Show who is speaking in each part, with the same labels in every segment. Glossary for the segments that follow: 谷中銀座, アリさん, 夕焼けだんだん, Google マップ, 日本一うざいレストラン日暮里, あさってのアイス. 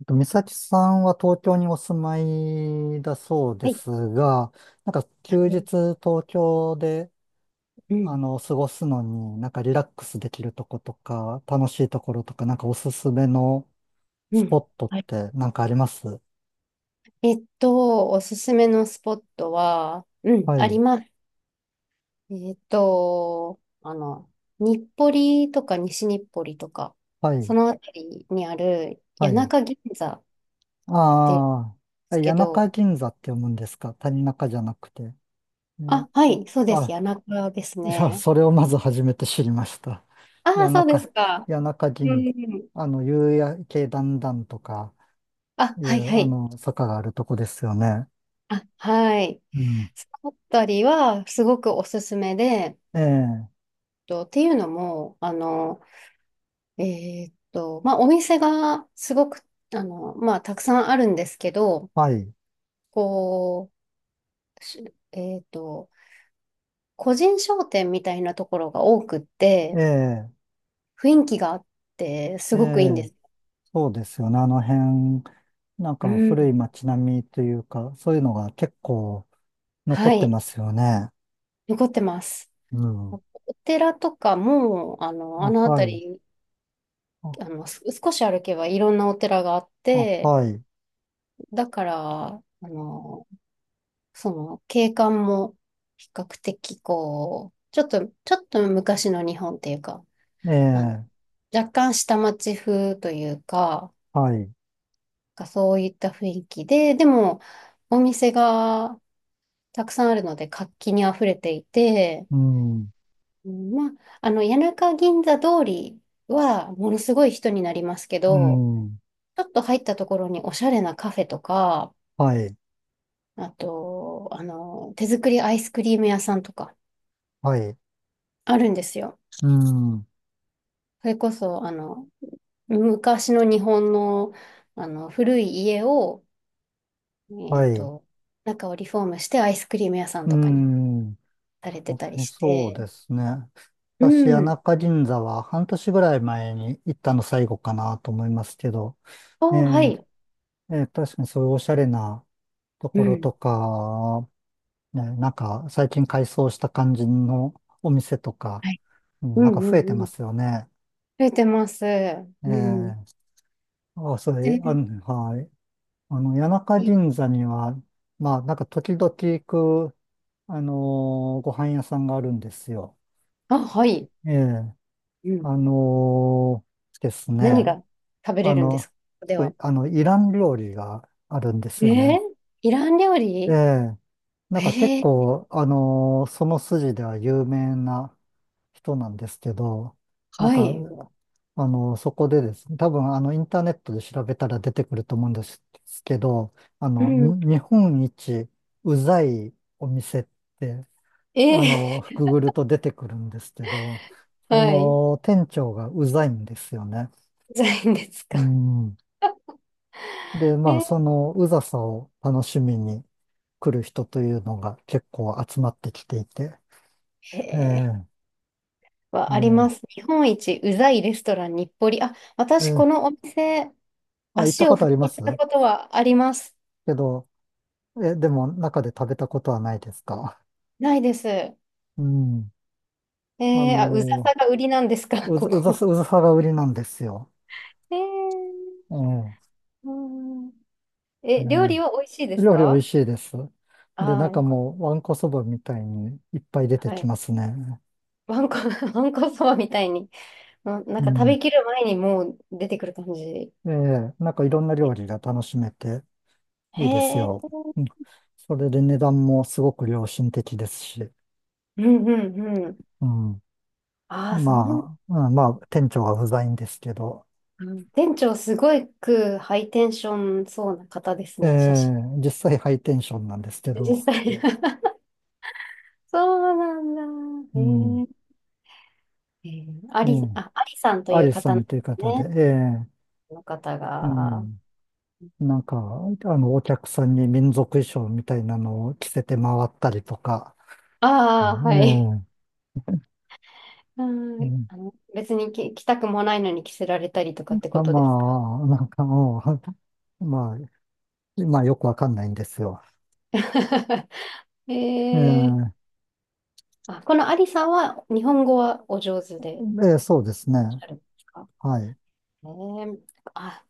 Speaker 1: 美咲さんは東京にお住まいだそうで
Speaker 2: はい。
Speaker 1: すが、なんか
Speaker 2: は
Speaker 1: 休日
Speaker 2: い。
Speaker 1: 東京で、
Speaker 2: うん。
Speaker 1: 過ごすのに、なんかリラックスできるとことか、楽しいところとか、なんかおすすめの
Speaker 2: う
Speaker 1: スポ
Speaker 2: ん。
Speaker 1: ットっ
Speaker 2: はい。
Speaker 1: てなんかあります？
Speaker 2: おすすめのスポットは、うん、
Speaker 1: は
Speaker 2: あり
Speaker 1: い、
Speaker 2: ます。えっと、あの、日暮里とか西日暮里とか、
Speaker 1: はい、
Speaker 2: そのあたりにある
Speaker 1: は
Speaker 2: 谷
Speaker 1: い。
Speaker 2: 中銀座で
Speaker 1: ああ、
Speaker 2: す
Speaker 1: 谷
Speaker 2: けど、
Speaker 1: 中銀座って読むんですか？谷中じゃなくて。ね、
Speaker 2: あ、はい、そうです。
Speaker 1: あ、
Speaker 2: 谷中です
Speaker 1: いや、
Speaker 2: ね。
Speaker 1: それをまず初めて知りました。
Speaker 2: ああ、
Speaker 1: 谷
Speaker 2: そうで
Speaker 1: 中、
Speaker 2: すか。
Speaker 1: 谷中
Speaker 2: う
Speaker 1: 銀、
Speaker 2: ん。
Speaker 1: 夕焼けだんだんとか、
Speaker 2: あ、
Speaker 1: い
Speaker 2: はい、
Speaker 1: う、
Speaker 2: はい。
Speaker 1: 坂があるとこですよね。
Speaker 2: あ、はい。
Speaker 1: うん。
Speaker 2: そのあたりは、すごくおすすめで、
Speaker 1: ええ、
Speaker 2: っていうのも、まあ、お店がすごく、まあ、たくさんあるんですけど、
Speaker 1: はい。
Speaker 2: こう、しえーっと、個人商店みたいなところが多くっ
Speaker 1: え
Speaker 2: て、
Speaker 1: え、
Speaker 2: 雰囲気があって、す
Speaker 1: え
Speaker 2: ごくいいんで
Speaker 1: え、
Speaker 2: す。
Speaker 1: そうですよね。あの辺、なん
Speaker 2: う
Speaker 1: か古い
Speaker 2: ん。
Speaker 1: 街並みというか、そういうのが結構残
Speaker 2: は
Speaker 1: って
Speaker 2: い。
Speaker 1: ますよね。
Speaker 2: 残ってます。
Speaker 1: うん。
Speaker 2: お寺とかも、
Speaker 1: あ、
Speaker 2: あの
Speaker 1: は
Speaker 2: 辺
Speaker 1: い。
Speaker 2: り、
Speaker 1: あ、
Speaker 2: 少し歩けばいろんなお寺があっ
Speaker 1: あ、
Speaker 2: て、
Speaker 1: はい。
Speaker 2: だから、あの、その景観も比較的こう、ちょっと昔の日本っていうか、
Speaker 1: え
Speaker 2: あの、
Speaker 1: え、
Speaker 2: 若干下町風というか、
Speaker 1: はい。
Speaker 2: なんかそういった雰囲気で、でもお店がたくさんあるので活気にあふれていて、
Speaker 1: うん。
Speaker 2: うん、まあ、谷中銀座通りはものすごい人になりますけ
Speaker 1: う
Speaker 2: ど、
Speaker 1: ん。
Speaker 2: ちょっと入ったところにおしゃれなカフェとか、
Speaker 1: はい。
Speaker 2: あと、手作りアイスクリーム屋さんとか
Speaker 1: はい。
Speaker 2: あるんですよ。
Speaker 1: うん。
Speaker 2: それこそ、昔の日本の、古い家を、え
Speaker 1: は
Speaker 2: っ
Speaker 1: い。
Speaker 2: と、中をリフォームしてアイスクリーム屋さん
Speaker 1: う
Speaker 2: とかに
Speaker 1: ん。
Speaker 2: されて
Speaker 1: は
Speaker 2: たり
Speaker 1: い、
Speaker 2: し
Speaker 1: そう
Speaker 2: て。
Speaker 1: ですね。
Speaker 2: う
Speaker 1: 私、谷
Speaker 2: ん。
Speaker 1: 中銀座は半年ぐらい前に行ったの最後かなと思いますけど、え
Speaker 2: は
Speaker 1: ー
Speaker 2: い。
Speaker 1: 確かにそういうおしゃれなと
Speaker 2: う
Speaker 1: ころと
Speaker 2: ん。
Speaker 1: か、ね、なんか最近改装した感じのお店とか、
Speaker 2: はい。
Speaker 1: うん、
Speaker 2: うん
Speaker 1: なん
Speaker 2: う
Speaker 1: か増え
Speaker 2: ん
Speaker 1: て
Speaker 2: う
Speaker 1: ま
Speaker 2: ん。
Speaker 1: すよね。
Speaker 2: 増えてます。
Speaker 1: え
Speaker 2: うん。
Speaker 1: ーあ、それ、
Speaker 2: で、
Speaker 1: はい。谷中銀
Speaker 2: い
Speaker 1: 座には、まあ、なんか時々行く、あのご飯屋さんがあるんですよ。
Speaker 2: あ、はい。
Speaker 1: ええ、
Speaker 2: うん。
Speaker 1: です
Speaker 2: 何
Speaker 1: ね。
Speaker 2: が食べ
Speaker 1: あ
Speaker 2: れるんで
Speaker 1: の、
Speaker 2: すか
Speaker 1: す
Speaker 2: で
Speaker 1: ご
Speaker 2: は？
Speaker 1: い、イラン料理があるんです
Speaker 2: え
Speaker 1: よ
Speaker 2: ー、
Speaker 1: ね。
Speaker 2: イラン料
Speaker 1: え
Speaker 2: 理。
Speaker 1: え。なんか結
Speaker 2: えー、
Speaker 1: 構、その筋では有名な人なんですけど、なん
Speaker 2: は
Speaker 1: か、
Speaker 2: い。
Speaker 1: そこでですね、多分、インターネットで調べたら出てくると思うんですけど、
Speaker 2: うん。
Speaker 1: に日本一うざいお店って、
Speaker 2: え
Speaker 1: くぐると出てくるんですけど、そ
Speaker 2: はい。
Speaker 1: の店長がうざいんですよね。
Speaker 2: じゃないいんです
Speaker 1: う
Speaker 2: か？
Speaker 1: ん。で、まあ、そ
Speaker 2: え
Speaker 1: のうざさを楽しみに来る人というのが結構集まってきていて。え
Speaker 2: へー、
Speaker 1: え、
Speaker 2: はあります。
Speaker 1: え
Speaker 2: 日本一うざいレストラン日暮里。あ、
Speaker 1: え、
Speaker 2: 私
Speaker 1: え
Speaker 2: こ
Speaker 1: え、
Speaker 2: のお店、
Speaker 1: あ、行った
Speaker 2: 足
Speaker 1: こ
Speaker 2: を踏
Speaker 1: とありま
Speaker 2: み入
Speaker 1: す
Speaker 2: れたことはあります。
Speaker 1: けど、え、でも中で食べたことはないですか？
Speaker 2: ないです。
Speaker 1: うん。あ
Speaker 2: あ、うざ
Speaker 1: の
Speaker 2: さが売りなんですか？
Speaker 1: うざ、
Speaker 2: こ
Speaker 1: うざ
Speaker 2: こ。
Speaker 1: さ、うざさが売りなんですよ。
Speaker 2: えー、
Speaker 1: ええ、
Speaker 2: うん。
Speaker 1: え
Speaker 2: え、料理は美味しいで
Speaker 1: え、
Speaker 2: す
Speaker 1: 料理美味
Speaker 2: か？
Speaker 1: しいです。で、
Speaker 2: ああー、
Speaker 1: 中
Speaker 2: よかっ
Speaker 1: もわんこそばみたいにいっぱい出
Speaker 2: た。
Speaker 1: て
Speaker 2: は
Speaker 1: き
Speaker 2: い。
Speaker 1: ますね。
Speaker 2: わんこ、わんこそばみたいに、な
Speaker 1: う
Speaker 2: んか食
Speaker 1: ん。
Speaker 2: べきる前にもう出てくる感じ。
Speaker 1: ええ、なんかいろんな料理が楽しめて。
Speaker 2: へ
Speaker 1: いいです
Speaker 2: え、
Speaker 1: よ。うん。それで値段もすごく良心的ですし、
Speaker 2: うんうんうん。
Speaker 1: うん。
Speaker 2: ああ、そう。
Speaker 1: まあ、うん、まあ、店長は不在んですけど、
Speaker 2: うん、店長すごくハイテンションそうな方です
Speaker 1: え
Speaker 2: ね、写真。
Speaker 1: え、実際ハイテンションなんですけ
Speaker 2: 実
Speaker 1: ど、
Speaker 2: 際。そうなん
Speaker 1: う
Speaker 2: だ。
Speaker 1: ん。
Speaker 2: へえ。へえ、あ
Speaker 1: ええ、
Speaker 2: り、あ、ありさんと
Speaker 1: ア
Speaker 2: いう
Speaker 1: リさ
Speaker 2: 方なん
Speaker 1: ん
Speaker 2: で
Speaker 1: という
Speaker 2: す
Speaker 1: 方で、
Speaker 2: ね。
Speaker 1: ええ、
Speaker 2: この方
Speaker 1: う
Speaker 2: が。あ
Speaker 1: ん。なんか、お客さんに民族衣装みたいなのを着せて回ったりとか、う
Speaker 2: あ、はい。
Speaker 1: ん、ええ、
Speaker 2: う
Speaker 1: う
Speaker 2: ん、
Speaker 1: ん、
Speaker 2: 別に着たくもないのに着せられたりとかって
Speaker 1: ま
Speaker 2: ことですか？
Speaker 1: あ、なんかもう、まあ、まあよくわかんないんですよ。
Speaker 2: ええ。
Speaker 1: ええ、
Speaker 2: あ、このアリさんは日本語はお上手でいらっ
Speaker 1: ええ、そうです
Speaker 2: し
Speaker 1: ね。
Speaker 2: ゃるんですか？
Speaker 1: はい。
Speaker 2: え。あ、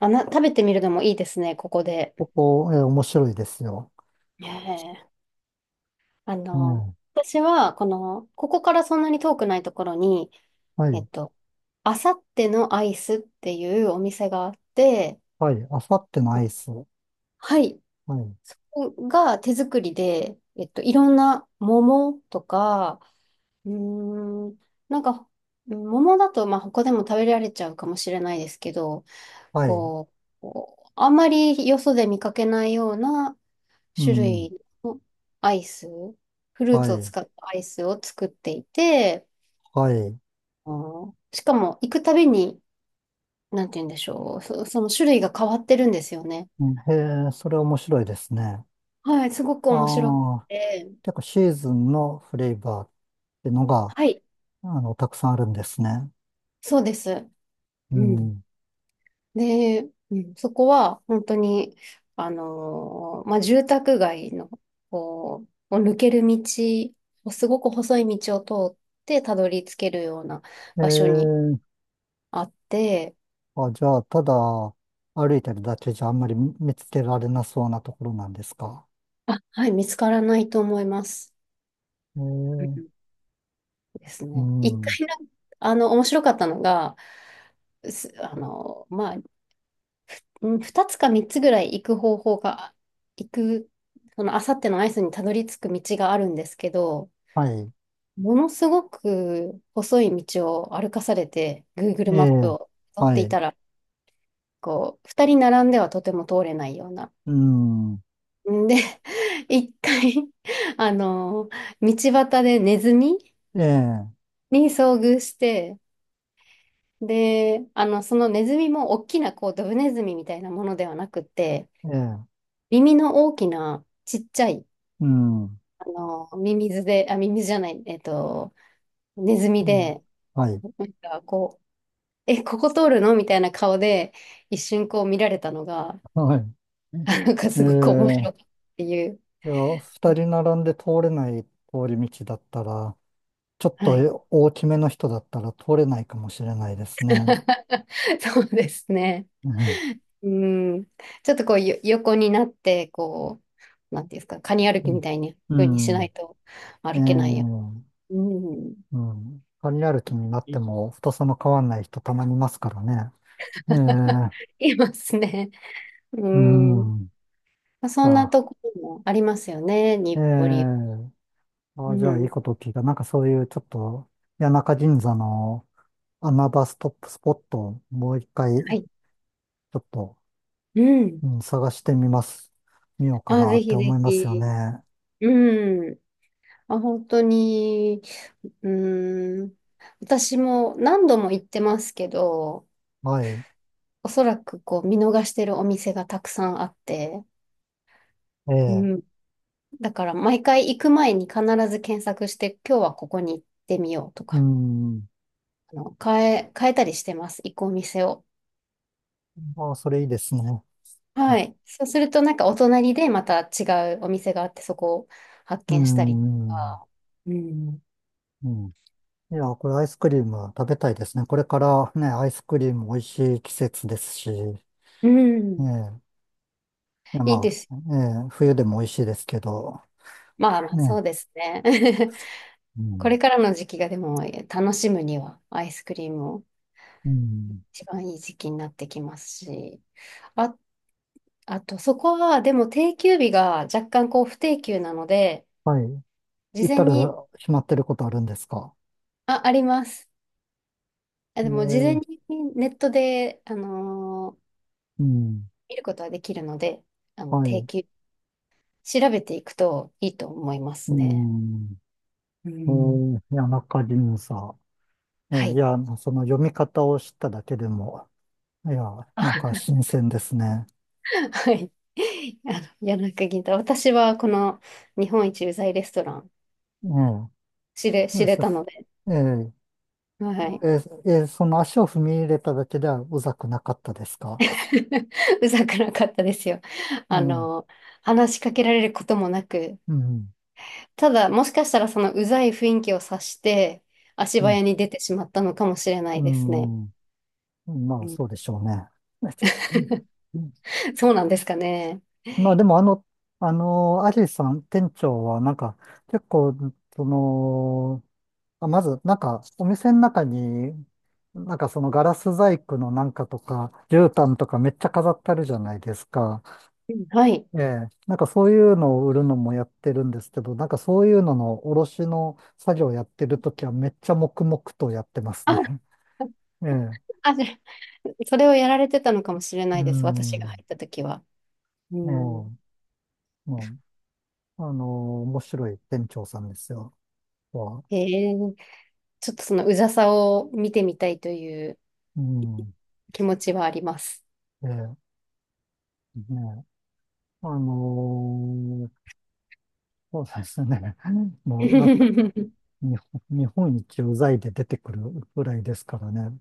Speaker 2: 食べてみるのもいいですね、ここで。
Speaker 1: ここ、面白いですよ。
Speaker 2: へえ。あ
Speaker 1: う
Speaker 2: の、
Speaker 1: ん。
Speaker 2: 私は、この、ここからそんなに遠くないところに、
Speaker 1: は
Speaker 2: えっ
Speaker 1: い。
Speaker 2: と、あさってのアイスっていうお店があって、
Speaker 1: はい。あさってのアイス。は
Speaker 2: はい。
Speaker 1: い。
Speaker 2: そこが手作りで、いろんな桃とか、うーん、なんか、桃だと、まあ、他でも食べられちゃうかもしれないですけど、
Speaker 1: はい。
Speaker 2: こうあんまりよそで見かけないような
Speaker 1: う
Speaker 2: 種
Speaker 1: ん。
Speaker 2: 類のアイス、フルー
Speaker 1: は
Speaker 2: ツを
Speaker 1: い。
Speaker 2: 使ったアイスを作っていて、
Speaker 1: はい。
Speaker 2: あ、ーしかも、行くたびに、なんて言うんでしょう。その種類が変わってるんですよね。
Speaker 1: うん、へえ、それ面白いですね。
Speaker 2: はい、すごく
Speaker 1: あ
Speaker 2: 面白く
Speaker 1: あ、
Speaker 2: て。
Speaker 1: 結構シーズンのフレーバーってのが、
Speaker 2: はい、
Speaker 1: たくさんあるんですね。
Speaker 2: そうです。
Speaker 1: う
Speaker 2: うん。
Speaker 1: ん。
Speaker 2: で、うん、そこは、本当に、まあ、住宅街の、こう、を抜ける道、すごく細い道を通ってたどり着けるような
Speaker 1: え
Speaker 2: 場所に
Speaker 1: え、
Speaker 2: あって、
Speaker 1: あ、じゃあ、ただ歩いてるだけじゃあんまり見つけられなそうなところなんですか？
Speaker 2: あ、はい、見つからないと思います。
Speaker 1: え
Speaker 2: うん
Speaker 1: え、
Speaker 2: です
Speaker 1: う
Speaker 2: ね。一
Speaker 1: ん。
Speaker 2: 回、なんあの、面白かったのが、すあの、まあ、うん、二つか三つぐらい行く方法が、行く、その、あさってのアイスにたどり着く道があるんですけど、
Speaker 1: はい。
Speaker 2: ものすごく細い道を歩かされて、Google マ
Speaker 1: え
Speaker 2: ップ
Speaker 1: え、
Speaker 2: を取っ
Speaker 1: は
Speaker 2: てい
Speaker 1: い。
Speaker 2: たら、こう、二人並んではとても通れないような。
Speaker 1: うん。
Speaker 2: んで、一回、あの、道端でネズミ
Speaker 1: ええ、
Speaker 2: に遭遇して、で、そのネズミも大きな、こう、ドブネズミみたいなものではなくて、
Speaker 1: ええ、
Speaker 2: 耳の大きな、ちっちゃい、
Speaker 1: うん。う
Speaker 2: ミミズで、あ、ミミズじゃない、ネズミ
Speaker 1: ん、
Speaker 2: で、
Speaker 1: はい、
Speaker 2: なんか、こう、え、ここ通るのみたいな顔で、一瞬こう見られたのが、
Speaker 1: はい。
Speaker 2: あ、なんか
Speaker 1: え
Speaker 2: すごく面
Speaker 1: え、
Speaker 2: 白かったっていう。
Speaker 1: いや、二人並んで通れない通り道だったら、ちょっ
Speaker 2: はい。
Speaker 1: と大きめの人だったら通れないかもしれないですね。
Speaker 2: そうですね。
Speaker 1: うん。
Speaker 2: うん。ちょっとこう、横になって、こう、なんていうんですか、カニ歩きみたいに、
Speaker 1: う
Speaker 2: 風にし
Speaker 1: ん。う
Speaker 2: な
Speaker 1: ん、
Speaker 2: いと
Speaker 1: え
Speaker 2: 歩けないや。
Speaker 1: え、
Speaker 2: うん。
Speaker 1: うん。旅歩きになっても太さの変わんない人たまにいますからね。え え、
Speaker 2: いますね。う
Speaker 1: う
Speaker 2: ん。
Speaker 1: ん。
Speaker 2: まあ、そ
Speaker 1: じゃ
Speaker 2: んなと
Speaker 1: あ、
Speaker 2: ころもありますよね、
Speaker 1: え
Speaker 2: 日暮里。
Speaker 1: え、
Speaker 2: う
Speaker 1: あ、じゃあいい
Speaker 2: ん。
Speaker 1: こと聞いた。なんかそういうちょっと、谷中銀座の穴場ストップスポットをもう一回ち
Speaker 2: はい。
Speaker 1: ょっと、
Speaker 2: うん。
Speaker 1: うん、探してみます。見ようか
Speaker 2: あ、
Speaker 1: な
Speaker 2: ぜ
Speaker 1: って
Speaker 2: ひ
Speaker 1: 思
Speaker 2: ぜ
Speaker 1: いますよ
Speaker 2: ひ。
Speaker 1: ね。
Speaker 2: うん。あ、本当に、うん。私も何度も行ってますけど、
Speaker 1: はい。
Speaker 2: おそらくこう見逃してるお店がたくさんあって、
Speaker 1: え
Speaker 2: う
Speaker 1: え。
Speaker 2: ん。だから毎回行く前に必ず検索して、今日はここに行ってみようと
Speaker 1: う
Speaker 2: か、
Speaker 1: ん。
Speaker 2: 変えたりしてます、行くお店を。
Speaker 1: ああ、それいいですね。
Speaker 2: はい。そうすると、なんかお隣でまた違うお店があって、そこを発
Speaker 1: う
Speaker 2: 見したりと
Speaker 1: ん。
Speaker 2: か。うん。
Speaker 1: うん。いや、これアイスクリーム食べたいですね。これからね、アイスクリーム美味しい季節ですし、え
Speaker 2: うん。
Speaker 1: え。いや、
Speaker 2: いいで
Speaker 1: ま
Speaker 2: す。
Speaker 1: あ、ええ、冬でも美味しいですけど、
Speaker 2: まあまあ、そ
Speaker 1: ね。
Speaker 2: うですね。
Speaker 1: う
Speaker 2: これ
Speaker 1: ん。
Speaker 2: からの時期がでも楽しむにはアイスクリームを
Speaker 1: うん。
Speaker 2: 一番いい時期になってきますし。あ、あと、そこはでも定休日が若干こう不定休なので、
Speaker 1: はい。
Speaker 2: 事
Speaker 1: 行っ
Speaker 2: 前
Speaker 1: た
Speaker 2: に、
Speaker 1: ら決まってることあるんですか？
Speaker 2: あ、あります。あ、
Speaker 1: え
Speaker 2: でも事前
Speaker 1: え。
Speaker 2: にネットで、
Speaker 1: うん。
Speaker 2: 見ることはできるので、
Speaker 1: はい。
Speaker 2: 定
Speaker 1: う
Speaker 2: 休調べていくといいと思いま
Speaker 1: ー
Speaker 2: すね。
Speaker 1: ん。
Speaker 2: うん。
Speaker 1: 谷中輪差。
Speaker 2: は
Speaker 1: い
Speaker 2: い。
Speaker 1: や、その読み方を知っただけでも、いや、なんか 新鮮ですね。
Speaker 2: はい。あの、谷中銀太。私はこの日本一うざいレストラン
Speaker 1: え
Speaker 2: 知れ
Speaker 1: え、
Speaker 2: たので、
Speaker 1: そ、ええ、
Speaker 2: はい。
Speaker 1: ええ、えー、その足を踏み入れただけではうざくなかったですか？
Speaker 2: うざくなかったですよ。
Speaker 1: ええ、
Speaker 2: あ
Speaker 1: うん。
Speaker 2: の、話しかけられることもなく、
Speaker 1: うん。
Speaker 2: ただもしかしたらそのうざい雰囲気を察して足早に出てしまったのかもしれな
Speaker 1: う
Speaker 2: いですね。
Speaker 1: ん。うん、ま
Speaker 2: う
Speaker 1: あ、
Speaker 2: ん。
Speaker 1: そうでしょうね。うん、
Speaker 2: そうなんですかね。
Speaker 1: まあ、でも、アリさん、店長は、なんか、結構、その、あまず、なんか、お店の中に、なんかそのガラス細工のなんかとか、絨毯とかめっちゃ飾ってあるじゃないですか。
Speaker 2: うん、はい。
Speaker 1: ええ。なんかそういうのを売るのもやってるんですけど、なんかそういうのの卸の作業やってるときはめっちゃ黙々とやってます
Speaker 2: あ
Speaker 1: ね。ええ。
Speaker 2: あ、じゃあそれをやられてたのかもしれな
Speaker 1: う
Speaker 2: いです。私が入
Speaker 1: ん。
Speaker 2: った時は。う
Speaker 1: ええ。
Speaker 2: ん。
Speaker 1: うん。あの面白い店長さんですよ。は。
Speaker 2: へえ、ちょっとそのうざさを見てみたいという
Speaker 1: うん。
Speaker 2: 気持ちはあります。
Speaker 1: ええ。ねえ。あのそうですね。も うなんか
Speaker 2: う
Speaker 1: 日本、日本一うざいで出てくるぐらいですからね。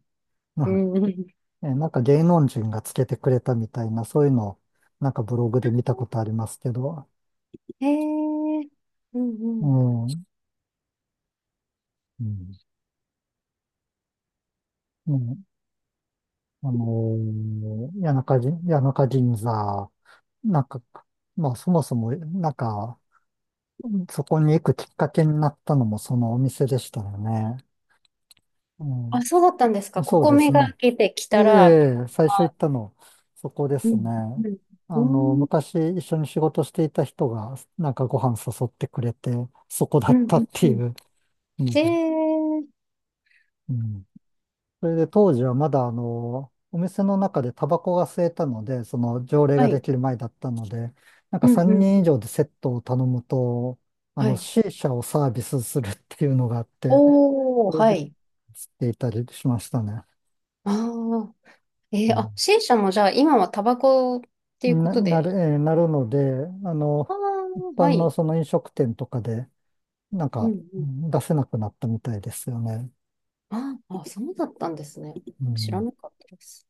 Speaker 1: は
Speaker 2: ん。
Speaker 1: い、え、なんか芸能人がつけてくれたみたいな、そういうのをなんかブログで見たことありますけど、
Speaker 2: へえ、うんう
Speaker 1: う
Speaker 2: ん。
Speaker 1: ん、うん、うん、あの谷中銀座、なんか、まあそもそも、なんか、そこに行くきっかけになったのもそのお店でしたよね。
Speaker 2: あ、そ
Speaker 1: う
Speaker 2: うだったんですか。
Speaker 1: ん、
Speaker 2: こ
Speaker 1: そう
Speaker 2: こ
Speaker 1: で
Speaker 2: 目
Speaker 1: す
Speaker 2: が開
Speaker 1: ね。
Speaker 2: けてき
Speaker 1: え
Speaker 2: たら、
Speaker 1: え、最初行ったの、そこで
Speaker 2: う
Speaker 1: す
Speaker 2: ん、
Speaker 1: ね。
Speaker 2: うん、うん、
Speaker 1: 昔一緒に仕事していた人が、なんかご飯誘ってくれて、そこだ
Speaker 2: う
Speaker 1: っ
Speaker 2: ん、う
Speaker 1: たっ
Speaker 2: ん
Speaker 1: て
Speaker 2: う
Speaker 1: い
Speaker 2: ん。
Speaker 1: うの
Speaker 2: へ
Speaker 1: で。
Speaker 2: え、
Speaker 1: うん。それで当時はまだ、お店の中でタバコが吸えたので、その条例
Speaker 2: は
Speaker 1: がで
Speaker 2: い、
Speaker 1: きる前だったので、なんか
Speaker 2: うん、う
Speaker 1: 3
Speaker 2: ん、
Speaker 1: 人
Speaker 2: う
Speaker 1: 以
Speaker 2: ん、
Speaker 1: 上でセットを頼むと、
Speaker 2: はい。
Speaker 1: C 社をサービスするっていうのがあって、
Speaker 2: お
Speaker 1: そ
Speaker 2: ー、
Speaker 1: れ
Speaker 2: は
Speaker 1: で
Speaker 2: い。
Speaker 1: 吸っていたりしましたね。
Speaker 2: ああ、あ、C 社もじゃあ今はタバコっていうことで、
Speaker 1: なるので、
Speaker 2: ああ、
Speaker 1: 一般
Speaker 2: は
Speaker 1: の
Speaker 2: い。
Speaker 1: その飲食店とかで、なん
Speaker 2: う
Speaker 1: か、
Speaker 2: んう
Speaker 1: う
Speaker 2: ん。
Speaker 1: ん、出せなくなったみたいですよね。
Speaker 2: ああ、そうだったんですね。
Speaker 1: う
Speaker 2: 知ら
Speaker 1: ん。
Speaker 2: なかったです。